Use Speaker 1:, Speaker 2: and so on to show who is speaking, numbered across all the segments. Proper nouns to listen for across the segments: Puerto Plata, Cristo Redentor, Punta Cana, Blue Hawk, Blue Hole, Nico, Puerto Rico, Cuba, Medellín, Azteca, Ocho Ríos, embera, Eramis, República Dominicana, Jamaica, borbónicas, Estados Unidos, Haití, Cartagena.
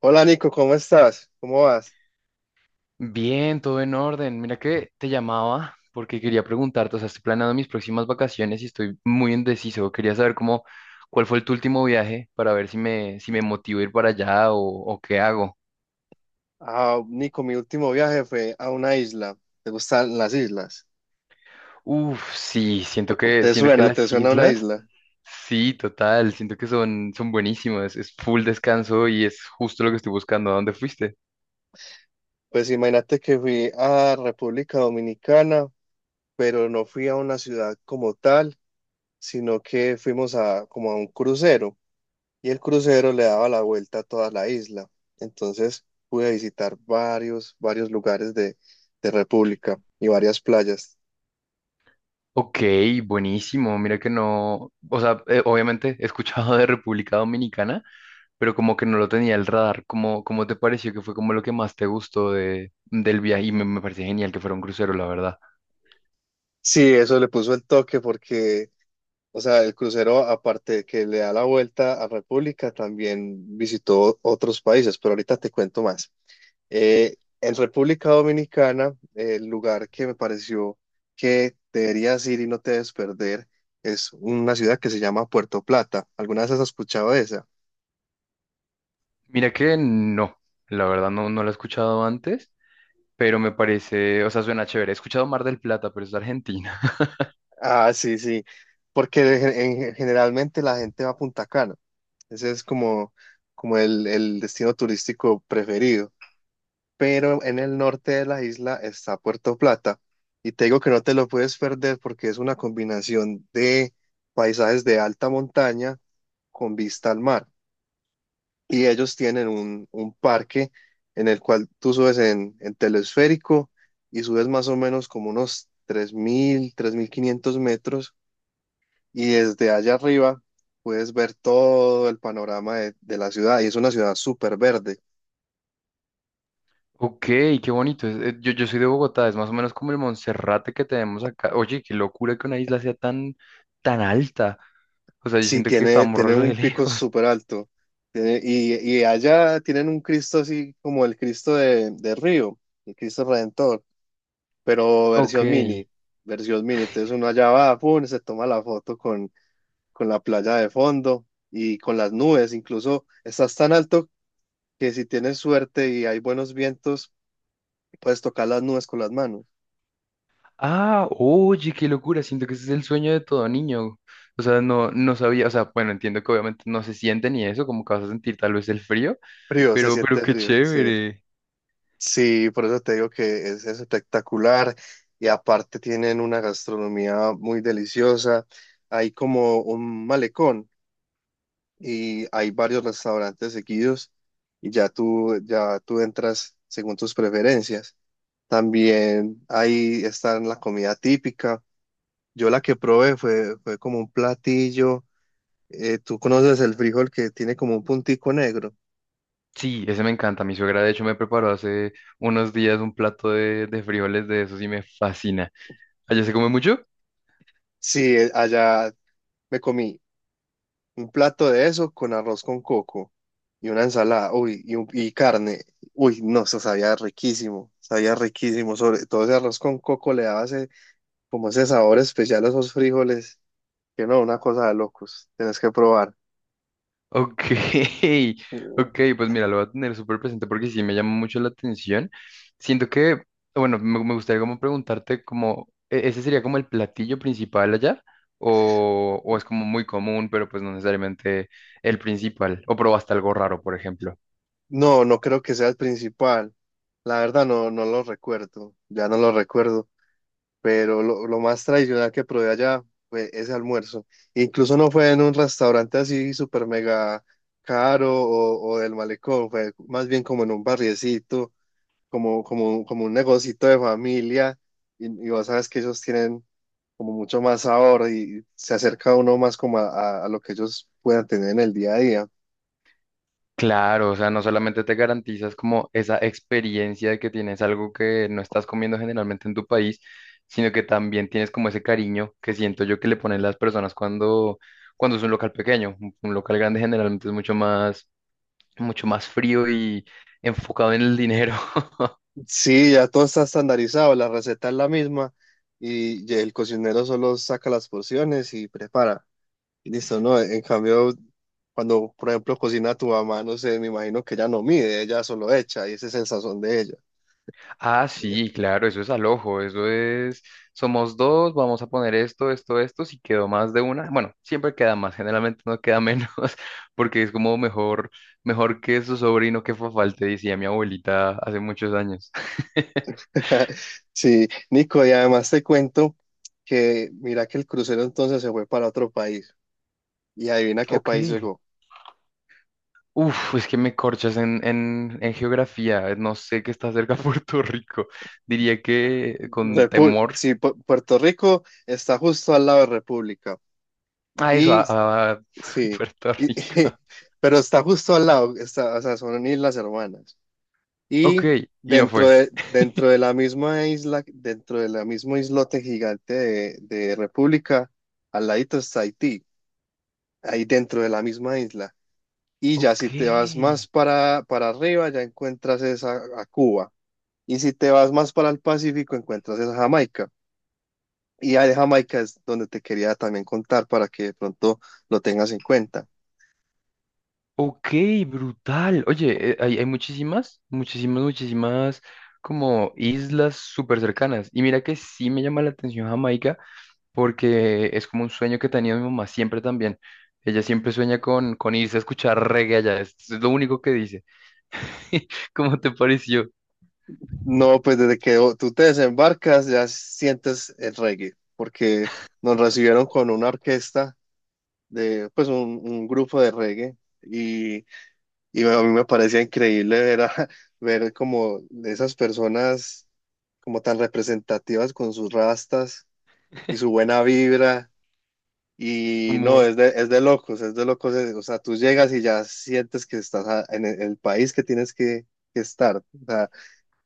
Speaker 1: Hola, Nico, ¿cómo estás? ¿Cómo vas?
Speaker 2: Bien, todo en orden. Mira que te llamaba porque quería preguntarte, o sea, estoy planeando mis próximas vacaciones y estoy muy indeciso. Quería saber cómo, cuál fue el tu último viaje para ver si me motivo a ir para allá o qué hago.
Speaker 1: Ah, Nico, mi último viaje fue a una isla. ¿Te gustan las islas?
Speaker 2: Uf, sí,
Speaker 1: ¿Te
Speaker 2: siento que
Speaker 1: suena? ¿Te
Speaker 2: las
Speaker 1: suena una
Speaker 2: islas,
Speaker 1: isla?
Speaker 2: sí, total, siento que son buenísimas. Es full descanso y es justo lo que estoy buscando. ¿A dónde fuiste?
Speaker 1: Pues imagínate que fui a República Dominicana, pero no fui a una ciudad como tal, sino que fuimos a como a un crucero y el crucero le daba la vuelta a toda la isla. Entonces pude visitar varios lugares de República y varias playas.
Speaker 2: Ok, buenísimo. Mira que no, o sea, obviamente he escuchado de República Dominicana, pero como que no lo tenía el radar. ¿Cómo te pareció que fue como lo que más te gustó de, del viaje? Y me parece genial que fuera un crucero, la verdad.
Speaker 1: Sí, eso le puso el toque porque, o sea, el crucero, aparte de que le da la vuelta a República, también visitó otros países, pero ahorita te cuento más. Eh, en República Dominicana, el lugar que me pareció que deberías ir y no te debes perder es una ciudad que se llama Puerto Plata. ¿Alguna vez has escuchado de esa?
Speaker 2: Mira que no, la verdad no, no lo he escuchado antes, pero me parece, o sea, suena chévere. He escuchado Mar del Plata, pero es de Argentina.
Speaker 1: Ah, sí, sí, porque generalmente la gente va a Punta Cana. Ese es como, como el destino turístico preferido, pero en el norte de la isla está Puerto Plata. Y te digo que no te lo puedes perder porque es una combinación de paisajes de alta montaña con vista al mar. Y ellos tienen un parque en el cual tú subes en telesférico y subes más o menos como unos 3500 metros. Y desde allá arriba puedes ver todo el panorama de la ciudad. Y es una ciudad súper verde.
Speaker 2: Ok, qué bonito. Yo, yo soy de Bogotá, es más o menos como el Monserrate que tenemos acá. Oye, qué locura que una isla sea tan alta. O sea, yo
Speaker 1: Sí,
Speaker 2: siento que
Speaker 1: tiene,
Speaker 2: estamos
Speaker 1: tiene
Speaker 2: re
Speaker 1: un pico
Speaker 2: lejos.
Speaker 1: súper alto. Tiene- y, y allá tienen un Cristo así como el Cristo de Río, el Cristo Redentor, pero
Speaker 2: Ok.
Speaker 1: versión mini, versión mini. Entonces uno allá va, pum, se toma la foto con la playa de fondo y con las nubes. Incluso estás tan alto que, si tienes suerte y hay buenos vientos, puedes tocar las nubes con las manos.
Speaker 2: Ah, oye, qué locura, siento que ese es el sueño de todo niño. O sea, no, no sabía, o sea, bueno, entiendo que obviamente no se siente ni eso, como que vas a sentir tal vez el frío,
Speaker 1: Frío, se
Speaker 2: pero
Speaker 1: siente
Speaker 2: qué
Speaker 1: frío, sí.
Speaker 2: chévere.
Speaker 1: Sí, por eso te digo que es espectacular y aparte tienen una gastronomía muy deliciosa. Hay como un malecón y hay varios restaurantes seguidos y ya tú entras según tus preferencias. También ahí está la comida típica. Yo la que probé fue como un platillo. ¿Tú conoces el frijol que tiene como un puntico negro?
Speaker 2: Sí, ese me encanta. Mi suegra, de hecho, me preparó hace unos días un plato de frijoles de esos y me fascina. ¿Allá se come mucho?
Speaker 1: Sí, allá me comí un plato de eso con arroz con coco y una ensalada, uy, y carne. Uy, no, eso sabía riquísimo, sabía riquísimo. Sobre todo ese arroz con coco le daba ese, como ese sabor especial a esos frijoles, que no, una cosa de locos, tenés que probar.
Speaker 2: Ok, ok, pues mira, lo voy a tener súper presente porque sí me llama mucho la atención. Siento que, bueno, me gustaría como preguntarte como, ¿ese sería como el platillo principal allá? O es como muy común, pero pues no necesariamente el principal? ¿O probaste algo raro, por ejemplo?
Speaker 1: No, no creo que sea el principal. La verdad no, no lo recuerdo, ya no lo recuerdo, pero lo más tradicional que probé allá fue ese almuerzo. Incluso no fue en un restaurante así súper mega caro o del malecón, fue más bien como en un barriecito, como un negocito de familia, y vos sabes que ellos tienen como mucho más sabor y se acerca uno más como a lo que ellos puedan tener en el día a día.
Speaker 2: Claro, o sea, no solamente te garantizas como esa experiencia de que tienes algo que no estás comiendo generalmente en tu país, sino que también tienes como ese cariño que siento yo que le ponen las personas cuando es un local pequeño. Un local grande generalmente es mucho más frío y enfocado en el dinero.
Speaker 1: Sí, ya todo está estandarizado, la receta es la misma y el cocinero solo saca las porciones y prepara. Listo, ¿no? En cambio, cuando, por ejemplo, cocina tu mamá, no sé, me imagino que ella no mide, ella solo echa y ese es el sazón de ella.
Speaker 2: Ah, sí, claro, eso es al ojo, eso es, somos dos, vamos a poner esto, esto, esto, si quedó más de una, bueno, siempre queda más, generalmente no queda menos, porque es como mejor que su sobrino que fue falte, decía mi abuelita hace muchos años.
Speaker 1: Sí, Nico, y además te cuento que mira que el crucero entonces se fue para otro país y adivina qué
Speaker 2: Ok.
Speaker 1: país llegó.
Speaker 2: Uf, es que me corchas en, en geografía, no sé qué está cerca de Puerto Rico, diría que con temor
Speaker 1: Sí, Puerto Rico está justo al lado de República
Speaker 2: a eso,
Speaker 1: y
Speaker 2: a
Speaker 1: sí,
Speaker 2: Puerto
Speaker 1: y
Speaker 2: Rico.
Speaker 1: pero está justo al lado, está, o sea, son islas hermanas.
Speaker 2: Ok,
Speaker 1: Y
Speaker 2: y no fue.
Speaker 1: dentro de la misma isla, dentro de la mismo islote gigante de República, al ladito está Haití, ahí dentro de la misma isla. Y ya
Speaker 2: Ok.
Speaker 1: si te vas más para arriba, ya encuentras esa, a Cuba. Y si te vas más para el Pacífico, encuentras esa Jamaica. Y a Jamaica es donde te quería también contar para que de pronto lo tengas en cuenta.
Speaker 2: Ok, brutal. Oye, hay muchísimas, muchísimas, muchísimas como islas súper cercanas. Y mira que sí me llama la atención Jamaica porque es como un sueño que tenía mi mamá siempre también. Ella siempre sueña con irse a escuchar reggae allá. Es lo único que dice. ¿Cómo te pareció?
Speaker 1: No, pues desde que tú te desembarcas ya sientes el reggae, porque nos recibieron con una orquesta de pues un grupo de reggae y a mí me parecía increíble ver, a- ver como esas personas, como tan representativas con sus rastas y su buena vibra y no,
Speaker 2: Como,
Speaker 1: es de locos, o sea, tú llegas y ya sientes que en el país que tienes que estar, o sea,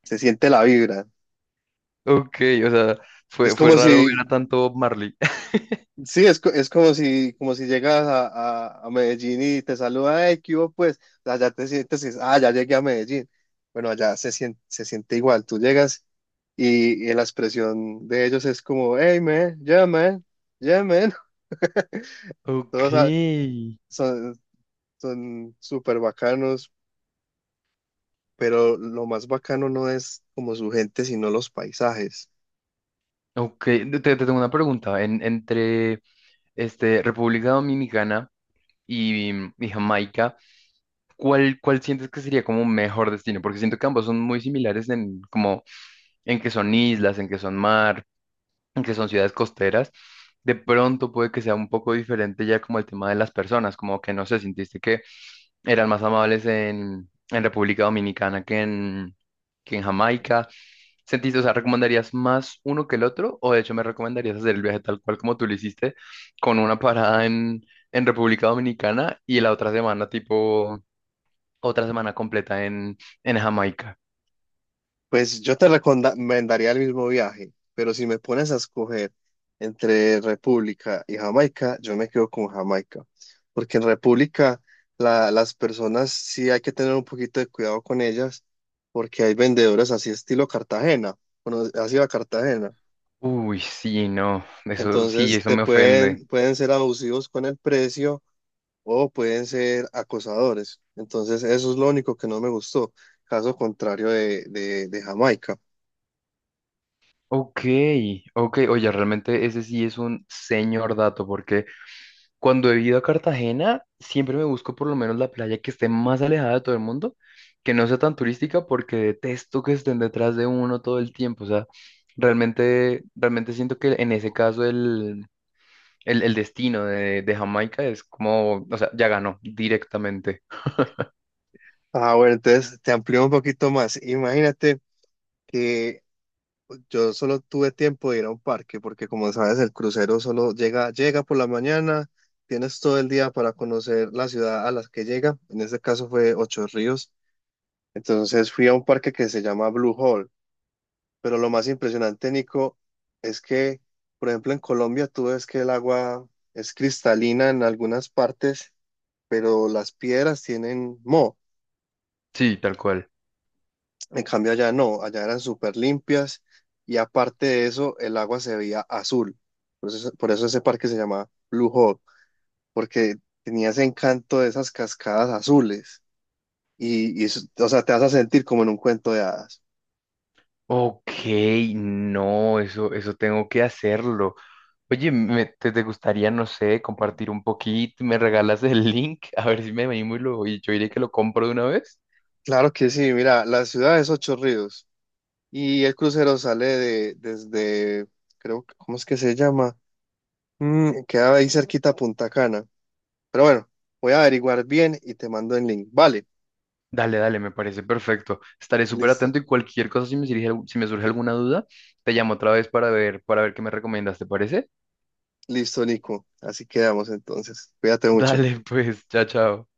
Speaker 1: se siente la vibra.
Speaker 2: ok, o sea,
Speaker 1: Es
Speaker 2: fue
Speaker 1: como
Speaker 2: raro ver a
Speaker 1: si,
Speaker 2: tanto Bob Marley.
Speaker 1: sí, es como si llegas a Medellín y te saluda, «¡Hey, ¿qué hubo, pues?». O sea, ya te sientes, y, ah, ya llegué a Medellín. Bueno, allá se siente igual. Tú llegas y la expresión de ellos es como, «hey, man, yeah, man, yeah, man».
Speaker 2: Ok,
Speaker 1: Todos son, son súper bacanos, pero lo más bacano no es como su gente, sino los paisajes.
Speaker 2: ok. Te tengo una pregunta. Entre este, República Dominicana y, y Jamaica, ¿cuál sientes que sería como un mejor destino? Porque siento que ambos son muy similares en como en que son islas, en que son mar, en que son ciudades costeras. De pronto puede que sea un poco diferente ya como el tema de las personas, como que no sé, sintiste que eran más amables en República Dominicana que en Jamaica. ¿Sentiste, o sea, recomendarías más uno que el otro? ¿O de hecho me recomendarías hacer el viaje tal cual como tú lo hiciste, con una parada en República Dominicana y la otra semana, tipo, otra semana completa en Jamaica?
Speaker 1: Pues yo te recomendaría el mismo viaje, pero si me pones a escoger entre República y Jamaica, yo me quedo con Jamaica, porque en República las personas sí hay que tener un poquito de cuidado con ellas, porque hay vendedores así estilo Cartagena, bueno, así va Cartagena,
Speaker 2: Uy, sí, no, eso sí,
Speaker 1: entonces
Speaker 2: eso
Speaker 1: te
Speaker 2: me ofende.
Speaker 1: pueden, pueden ser abusivos con el precio o pueden ser acosadores, entonces eso es lo único que no me gustó, caso contrario de Jamaica.
Speaker 2: Ok, ok, oye, realmente ese sí es un señor dato, porque cuando he ido a Cartagena, siempre me busco por lo menos la playa que esté más alejada de todo el mundo, que no sea tan turística, porque detesto que estén detrás de uno todo el tiempo. O sea, realmente siento que en ese caso el destino de Jamaica es como, o sea, ya ganó directamente.
Speaker 1: Ah, bueno, entonces te amplío un poquito más. Imagínate que yo solo tuve tiempo de ir a un parque, porque como sabes, el crucero solo llega por la mañana, tienes todo el día para conocer la ciudad a la que llega. En este caso fue Ocho Ríos. Entonces fui a un parque que se llama Blue Hole. Pero lo más impresionante, Nico, es que, por ejemplo, en Colombia tú ves que el agua es cristalina en algunas partes, pero las piedras tienen moho.
Speaker 2: Sí, tal cual.
Speaker 1: En cambio allá no, allá eran súper limpias y aparte de eso el agua se veía azul. Por eso ese parque se llamaba Blue Hawk, porque tenía ese encanto de esas cascadas azules y eso, o sea, te vas a sentir como en un cuento de hadas.
Speaker 2: Ok, no, eso tengo que hacerlo. Oye, te, te gustaría, no sé, ¿compartir un poquito? ¿Me regalas el link? A ver si me animo y yo iré que lo compro de una vez.
Speaker 1: Claro que sí, mira, la ciudad es Ocho Ríos y el crucero sale de, desde, creo, que ¿cómo es que se llama? Mm, queda ahí cerquita a Punta Cana. Pero bueno, voy a averiguar bien y te mando el link. Vale,
Speaker 2: Dale, dale, me parece perfecto. Estaré súper
Speaker 1: listo.
Speaker 2: atento y cualquier cosa, si me surge, si me surge alguna duda, te llamo otra vez para ver qué me recomiendas, ¿te parece?
Speaker 1: Listo, Nico. Así quedamos entonces. Cuídate mucho.
Speaker 2: Dale, pues, chao, chao.